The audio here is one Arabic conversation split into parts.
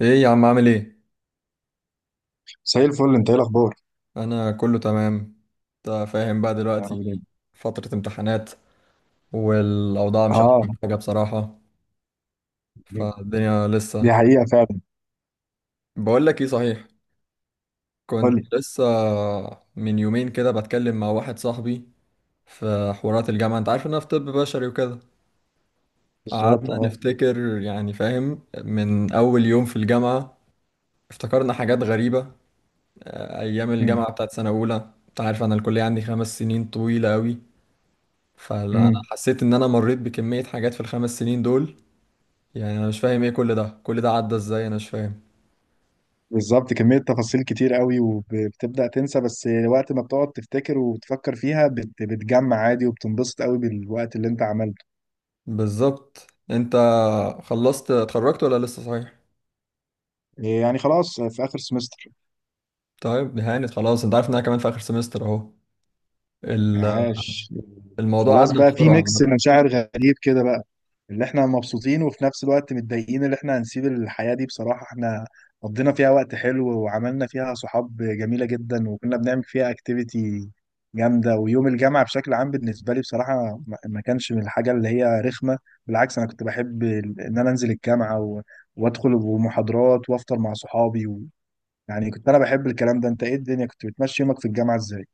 ايه يا عم عامل ايه؟ زي الفل، انت ايه الاخبار؟ انا كله تمام. انت فاهم بقى يا رب دلوقتي، دايما. فترة امتحانات والاوضاع مش اه. احسن حاجة بصراحة، فالدنيا دي لسه. حقيقه فعلا. بقول لك ايه صحيح، قول لي. كنت لسه من يومين كده بتكلم مع واحد صاحبي في حوارات الجامعة. انت عارف ان انا في طب بشري وكده. بالظبط، قعدنا اه. نفتكر، يعني فاهم، من اول يوم في الجامعة. افتكرنا حاجات غريبة. ايام مم. الجامعة بتاعت سنة اولى، انت عارف انا الكلية عندي 5 سنين طويلة قوي. فانا مم. حسيت ان انا مريت بكمية حاجات في الـ5 سنين دول. يعني انا مش فاهم ايه، كل ده عدى ازاي، انا مش فاهم. بالظبط، كميه تفاصيل كتير قوي وبتبدا تنسى، بس وقت ما بتقعد تفتكر وتفكر فيها بتجمع عادي وبتنبسط قوي بالوقت اللي انت عملته. بالظبط، انت خلصت اتخرجت ولا لسه صحيح؟ إيه يعني خلاص، في اخر سمستر. طيب هانت خلاص، انت عارف ان انا كمان في اخر سمستر اهو. ال- عاش. الموضوع خلاص عدى بقى، في بسرعة. ميكس مشاعر غريب كده بقى، اللي احنا مبسوطين وفي نفس الوقت متضايقين اللي احنا هنسيب الحياة دي. بصراحة احنا قضينا فيها وقت حلو، وعملنا فيها صحاب جميلة جدا، وكنا بنعمل فيها اكتيفيتي جامدة، ويوم الجامعة بشكل عام بالنسبة لي بصراحة ما كانش من الحاجة اللي هي رخمة. بالعكس، انا كنت بحب ان انا انزل الجامعة وادخل ومحاضرات وافطر مع صحابي يعني كنت انا بحب الكلام ده. انت ايه الدنيا، كنت بتمشي يومك في الجامعة ازاي؟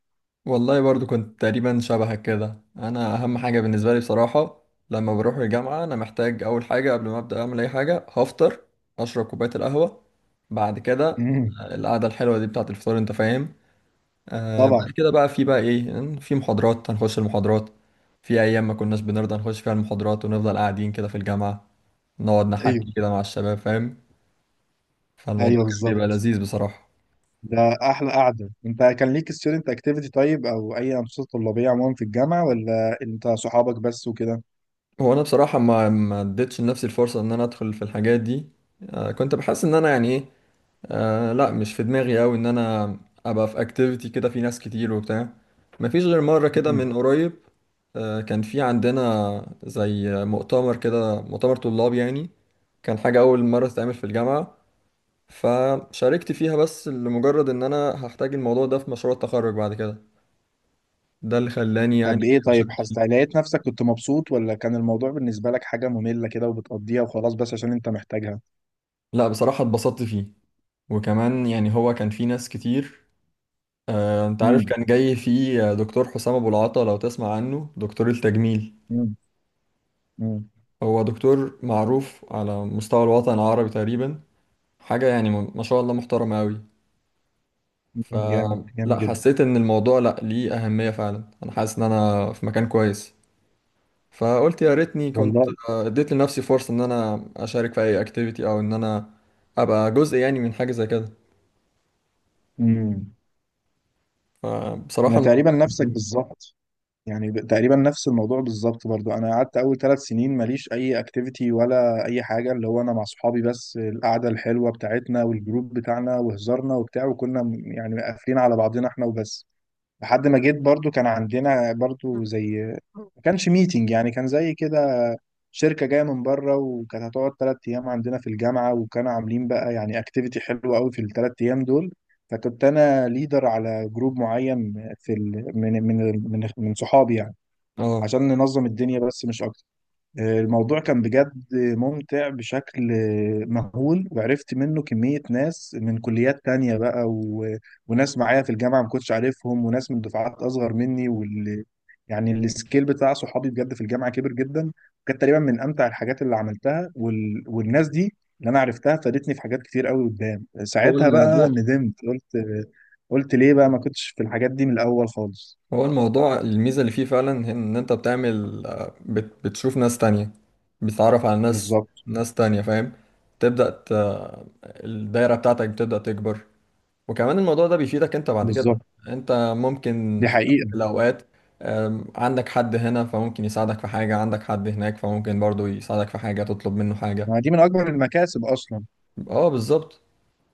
والله برضو كنت تقريبا شبهك كده. انا اهم حاجة بالنسبة لي بصراحة لما بروح الجامعة، انا محتاج اول حاجة قبل ما ابدا اعمل اي حاجة هفطر، اشرب كوباية القهوة. بعد كده مم، القعدة الحلوة دي بتاعت الفطار، انت فاهم. آه، بعد طبعا. كده بقى في بقى ايه، في محاضرات هنخش المحاضرات. في ايام ما كناش بنرضى نخش فيها المحاضرات ونفضل قاعدين كده في الجامعة، نقعد ايوه. نحكي كده مع الشباب فاهم. فالموضوع ايوه كان بيبقى بالظبط. لذيذ بصراحة. ده احلى قعده. انت كان ليك ستودنت اكتيفيتي طيب، او اي انشطه طلابيه عموما في الجامعه، ولا انت صحابك بس وكده؟ هو انا بصراحة ما اديتش لنفسي الفرصة ان انا ادخل في الحاجات دي. آه كنت بحس ان انا، يعني ايه، آه لا مش في دماغي قوي ان انا ابقى في اكتيفيتي كده في ناس كتير وبتاع. مفيش غير مرة كده مم. من قريب، آه، كان في عندنا زي مؤتمر كده، مؤتمر طلاب يعني. كان حاجة اول مرة تتعمل في الجامعة، فشاركت فيها بس لمجرد ان انا هحتاج الموضوع ده في مشروع التخرج بعد كده. ده اللي خلاني طب يعني ايه، طيب اشارك فيه. حسيت لقيت نفسك كنت مبسوط، ولا كان الموضوع بالنسبه لك حاجه ممله كده وبتقضيها وخلاص بس عشان انت محتاجها؟ لا بصراحة اتبسطت فيه، وكمان يعني هو كان فيه ناس كتير. آه انت عارف امم. كان جاي فيه دكتور حسام ابو العطا، لو تسمع عنه، دكتور التجميل. امم. امم. هو دكتور معروف على مستوى الوطن العربي تقريبا، حاجة يعني ما ما شاء الله محترمة أوي. جامد جامد فلا جدا. حسيت إن الموضوع لا ليه أهمية فعلا، أنا حاسس إن أنا في مكان كويس. فقلت يا ريتني كنت والله. اديت لنفسي فرصة إن أنا أشارك في أي أكتيفيتي، أو إن أنا أبقى جزء يعني من حاجة زي كده. امم. فبصراحة انا تقريبا الموضوع، نفسك بالظبط، يعني تقريبا نفس الموضوع بالظبط. برضو انا قعدت اول ثلاث سنين ماليش اي اكتيفيتي ولا اي حاجه، اللي هو انا مع صحابي بس، القعده الحلوه بتاعتنا والجروب بتاعنا وهزارنا وبتاع، وكنا يعني قافلين على بعضنا احنا وبس. لحد ما جيت، برضو كان عندنا برضو زي، ما كانش ميتنج يعني، كان زي كده شركة جاية من بره، وكانت هتقعد تلات أيام عندنا في الجامعة، وكانوا عاملين بقى يعني اكتيفيتي حلوة قوي في التلات أيام دول. فكنت أنا ليدر على جروب معين، في من صحابي يعني، اه. عشان ننظم الدنيا بس مش أكتر. الموضوع كان بجد ممتع بشكل مهول، وعرفت منه كمية ناس من كليات تانية بقى وناس معايا في الجامعة ما كنتش عارفهم، وناس من دفعات أصغر مني يعني السكيل بتاع صحابي بجد في الجامعة كبر جدا. كانت تقريبا من أمتع الحاجات اللي عملتها، والناس دي اللي أنا عرفتها فادتني في حاجات كتير قوي قدام. هو ساعتها بقى الموضوع ندمت، قلت قلت ليه بقى ما كنتش في الحاجات دي من الأول خالص. هو الموضوع الميزة اللي فيه فعلا هي ان انت بتعمل، بتشوف ناس تانية، بتتعرف على ناس، بالظبط. ناس تانية فاهم. تبدأ ت... الدايرة بتاعتك بتبدأ تكبر. وكمان الموضوع ده بيفيدك انت بعد كده. بالظبط انت ممكن دي حقيقة. في الأوقات، عندك حد هنا فممكن يساعدك في حاجة، عندك حد هناك فممكن برضو يساعدك في حاجة تطلب منه حاجة. ما دي من أكبر المكاسب أصلا. اه بالظبط.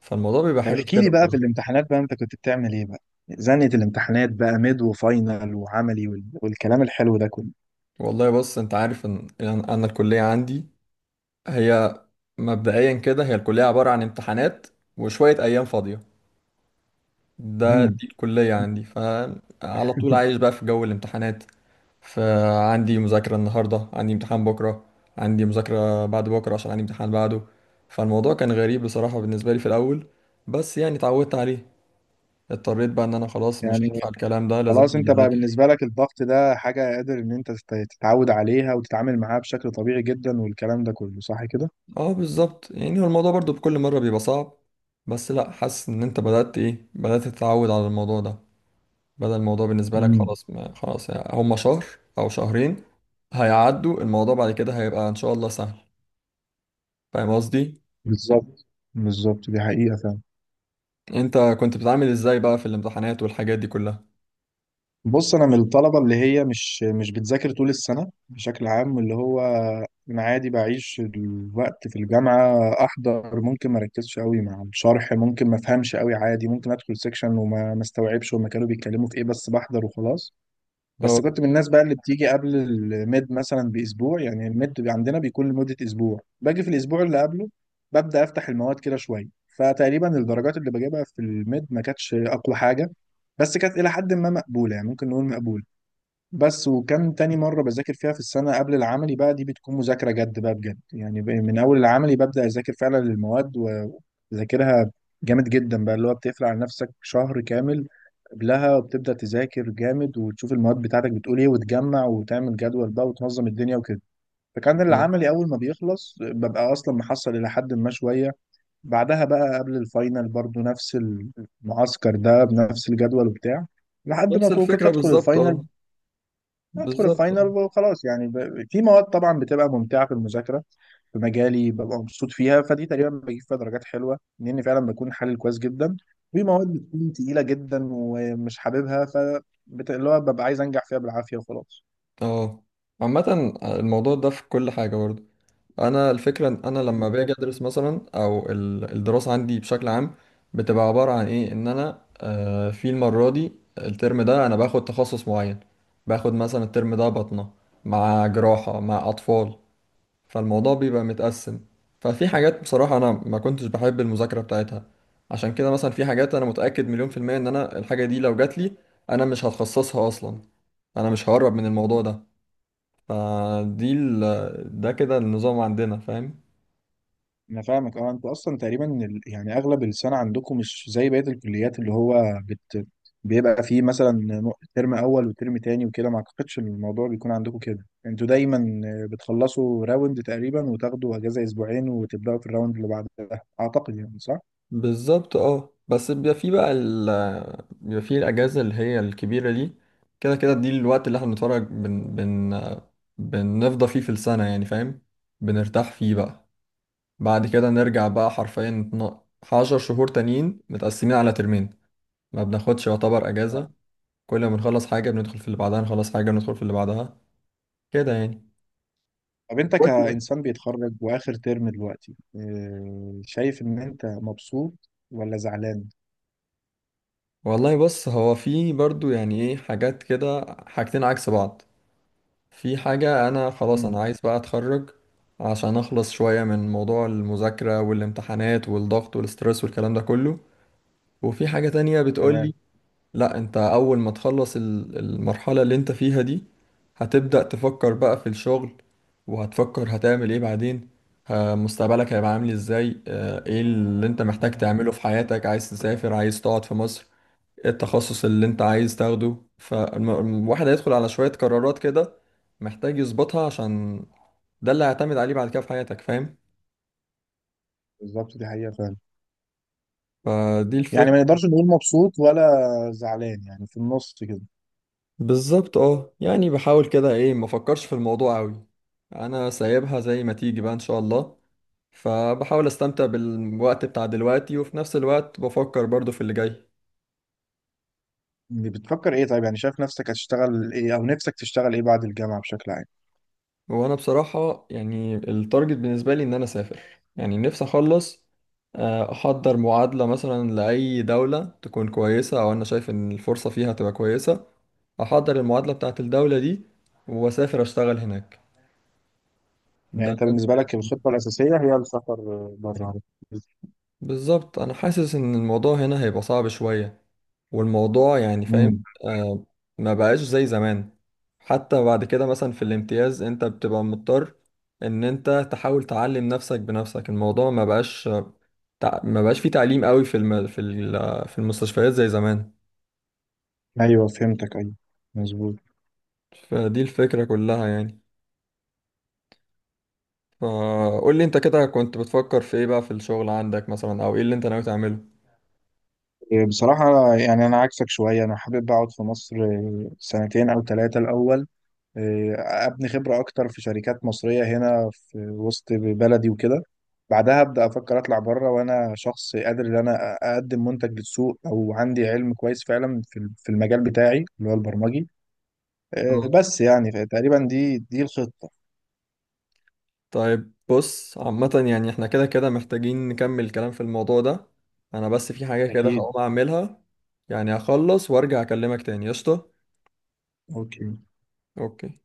فالموضوع بيبقى طب حلو في احكي كده لي بقى، في بصراحة. الامتحانات بقى انت كنت بتعمل ايه بقى؟ زنة الامتحانات بقى، ميد وفاينل وعملي والكلام الحلو ده كله. والله بص، انت عارف ان انا الكلية عندي هي، مبدئيا كده هي الكلية عبارة عن امتحانات وشوية أيام فاضية. دي مهم. الكلية عندي، فعلى طول عايش بقى في جو الامتحانات. فعندي مذاكرة النهاردة، عندي امتحان بكرة، عندي مذاكرة بعد بكرة عشان عندي امتحان بعده. فالموضوع كان غريب بصراحة بالنسبة لي في الأول، بس يعني اتعودت عليه. اضطريت بقى ان انا خلاص مش يعني هينفع الكلام ده، لازم خلاص اقعد انت بقى، اذاكر. بالنسبة لك الضغط ده حاجة قادر ان انت تتعود عليها وتتعامل معاها بشكل طبيعي جدا، والكلام ده كله، صح كده؟ اه بالظبط، يعني هو الموضوع برضو بكل مرة بيبقى صعب، بس لا حاسس ان انت بدأت ايه، بدأت تتعود على الموضوع ده. بدل الموضوع بالنسبة لك امم. خلاص، ما خلاص يعني هما شهر أو شهرين هيعدوا، الموضوع بعد كده هيبقى إن شاء الله سهل. فاهم قصدي؟ بالظبط. بالظبط دي حقيقة فعلا. أنت كنت بتتعامل إزاي بقى في الامتحانات والحاجات دي كلها؟ بص، انا من الطلبه اللي هي مش بتذاكر طول السنه بشكل عام، اللي هو انا عادي بعيش الوقت في الجامعه، احضر، ممكن ما اركزش قوي مع الشرح، ممكن ما افهمش قوي عادي، ممكن ادخل سيكشن وما ما استوعبش هما كانوا بيتكلموا في ايه، بس بحضر وخلاص. بس اه كنت من الناس بقى اللي بتيجي قبل الميد مثلا باسبوع، يعني الميد عندنا بيكون لمده اسبوع، باجي في الاسبوع اللي قبله ببدا افتح المواد كده شويه. فتقريبا الدرجات اللي بجيبها في الميد ما كانتش اقوى حاجه، بس كانت الى حد ما مقبوله، يعني ممكن نقول مقبوله. بس وكان تاني مرة بذاكر فيها في السنة قبل العملي بقى، دي بتكون مذاكرة جد بقى بجد، يعني من أول العملي ببدأ أذاكر فعلا للمواد وبذاكرها جامد جدا بقى، اللي هو بتقفل على نفسك شهر كامل قبلها، وبتبدأ تذاكر جامد، وتشوف المواد بتاعتك بتقول إيه، وتجمع، وتعمل جدول بقى، وتنظم الدنيا وكده. فكان آه. العملي أول ما بيخلص ببقى أصلا محصل إلى حد ما شوية. بعدها بقى قبل الفاينل برضو نفس المعسكر ده بنفس الجدول وبتاع، لحد ما نفس كنت الفكرة بالظبط، اه ادخل بالظبط. الفاينل وخلاص، يعني في مواد طبعا بتبقى ممتعه في المذاكره، في مجالي ببقى مبسوط فيها، فدي تقريبا بجيب فيها درجات حلوه لاني فعلا بكون حلل كويس جدا. في مواد بتكون تقيله جدا ومش حاببها، ف اللي هو ببقى عايز انجح فيها بالعافيه وخلاص. اه عامة الموضوع ده في كل حاجة برضه. انا الفكره ان انا لما باجي بالظبط. ادرس مثلا، او الدراسه عندي بشكل عام بتبقى عباره عن ايه، ان انا في المره دي الترم ده انا باخد تخصص معين. باخد مثلا الترم ده بطنه مع جراحه مع اطفال، فالموضوع بيبقى متقسم. ففي حاجات بصراحه انا ما كنتش بحب المذاكره بتاعتها. عشان كده مثلا، في حاجات انا متاكد مليون في الميه ان انا الحاجه دي لو جات لي، انا مش هتخصصها اصلا، انا مش هقرب من الموضوع ده. فدي ده كده النظام عندنا فاهم. انا فاهمك، اه انتوا اصلا تقريبا يعني اغلب السنه عندكم مش زي بقيه الكليات، اللي هو بيبقى فيه مثلا ترم اول وترم تاني وكده، ما اعتقدش ان الموضوع بيكون عندكم كده. انتوا دايما بتخلصوا راوند تقريبا وتاخدوا اجازه اسبوعين وتبداوا في الراوند اللي بعدها، اعتقد يعني، صح؟ بالظبط اه، بس بيبقى في بقى بيبقى في الأجازة اللي هي الكبيرة دي. كده كده دي الوقت اللي احنا بنتفرج بن بن بنفضى فيه في السنة يعني فاهم، بنرتاح فيه بقى. بعد كده نرجع بقى حرفيا عشر شهور تانيين متقسمين على ترمين، ما بناخدش يعتبر طب، أجازة. كل ما بنخلص حاجة بندخل في اللي بعدها، نخلص حاجة بندخل في اللي بعدها، كده يعني. طب انت قول لي بقى. كانسان بيتخرج واخر ترم دلوقتي، شايف ان انت مبسوط ولا زعلان؟ والله بص، هو في برضو يعني ايه، حاجات كده حاجتين عكس بعض. في حاجة أنا خلاص امم. أنا عايز بقى أتخرج عشان أخلص شوية من موضوع المذاكرة والامتحانات والضغط والسترس والكلام ده كله، وفي حاجة تانية بتقولي تمام. لأ، أنت أول ما تخلص المرحلة اللي أنت فيها دي هتبدأ تفكر بقى في الشغل، وهتفكر هتعمل إيه بعدين، مستقبلك هيبقى عامل إزاي، إيه اللي أنت محتاج مم. تعمله في حياتك، عايز تسافر عايز تقعد في مصر، إيه التخصص اللي انت عايز تاخده. فالواحد هيدخل على شوية قرارات كده محتاج يظبطها، عشان ده اللي هيعتمد عليه بعد كده في حياتك فاهم. بالظبط دي حقيقه فعلا. فدي يعني الفكرة. ما نقدرش نقول مبسوط ولا زعلان، يعني في النص كده. بالظبط اه، يعني بحاول كده ايه ما افكرش في الموضوع قوي، انا سايبها زي ما تيجي بقى ان شاء الله. فبحاول استمتع بالوقت بتاع دلوقتي، وفي نفس الوقت بفكر برضو في اللي جاي. بتفكر ايه طيب؟ يعني شايف نفسك هتشتغل ايه، او نفسك تشتغل ايه بعد الجامعة بشكل عام؟ وانا بصراحة يعني التارجت بالنسبة لي ان انا اسافر، يعني نفسي اخلص، احضر معادلة مثلا لأي دولة تكون كويسة او انا شايف ان الفرصة فيها تبقى كويسة، احضر المعادلة بتاعت الدولة دي واسافر اشتغل هناك. يعني ده انت اللي أنا بالنسبة لك شايفه. الخطة الأساسية هي السفر بره؟ بالظبط، انا حاسس ان الموضوع هنا هيبقى صعب شوية، والموضوع يعني فاهم، امم. آه، ما بقاش زي زمان. حتى بعد كده مثلا في الامتياز انت بتبقى مضطر ان انت تحاول تعلم نفسك بنفسك، الموضوع ما بقاش، ما بقاش فيه تعليم قوي في المستشفيات زي زمان. ايوه فهمتك. ايوه مظبوط. فدي الفكرة كلها يعني. فقول لي انت كده كنت بتفكر في ايه بقى في الشغل عندك مثلا، او ايه اللي انت ناوي تعمله. بصراحة يعني أنا عكسك شوية، أنا حابب أقعد في مصر سنتين أو ثلاثة الأول. آه، ابني خبرة اكتر في شركات مصرية هنا في وسط بلدي وكده. بعدها ابدا افكر اطلع بره، وانا شخص قادر ان انا اقدم منتج للسوق او عندي علم كويس فعلا في في المجال بتاعي اللي هو البرمجي. بس يعني تقريبا دي الخطة. طيب بص عامة يعني احنا كده كده محتاجين نكمل كلام في الموضوع ده، انا بس في حاجة كده أكيد. هقوم اعملها، يعني هخلص وارجع اكلمك تاني. قشطة. أوكي. اوكي.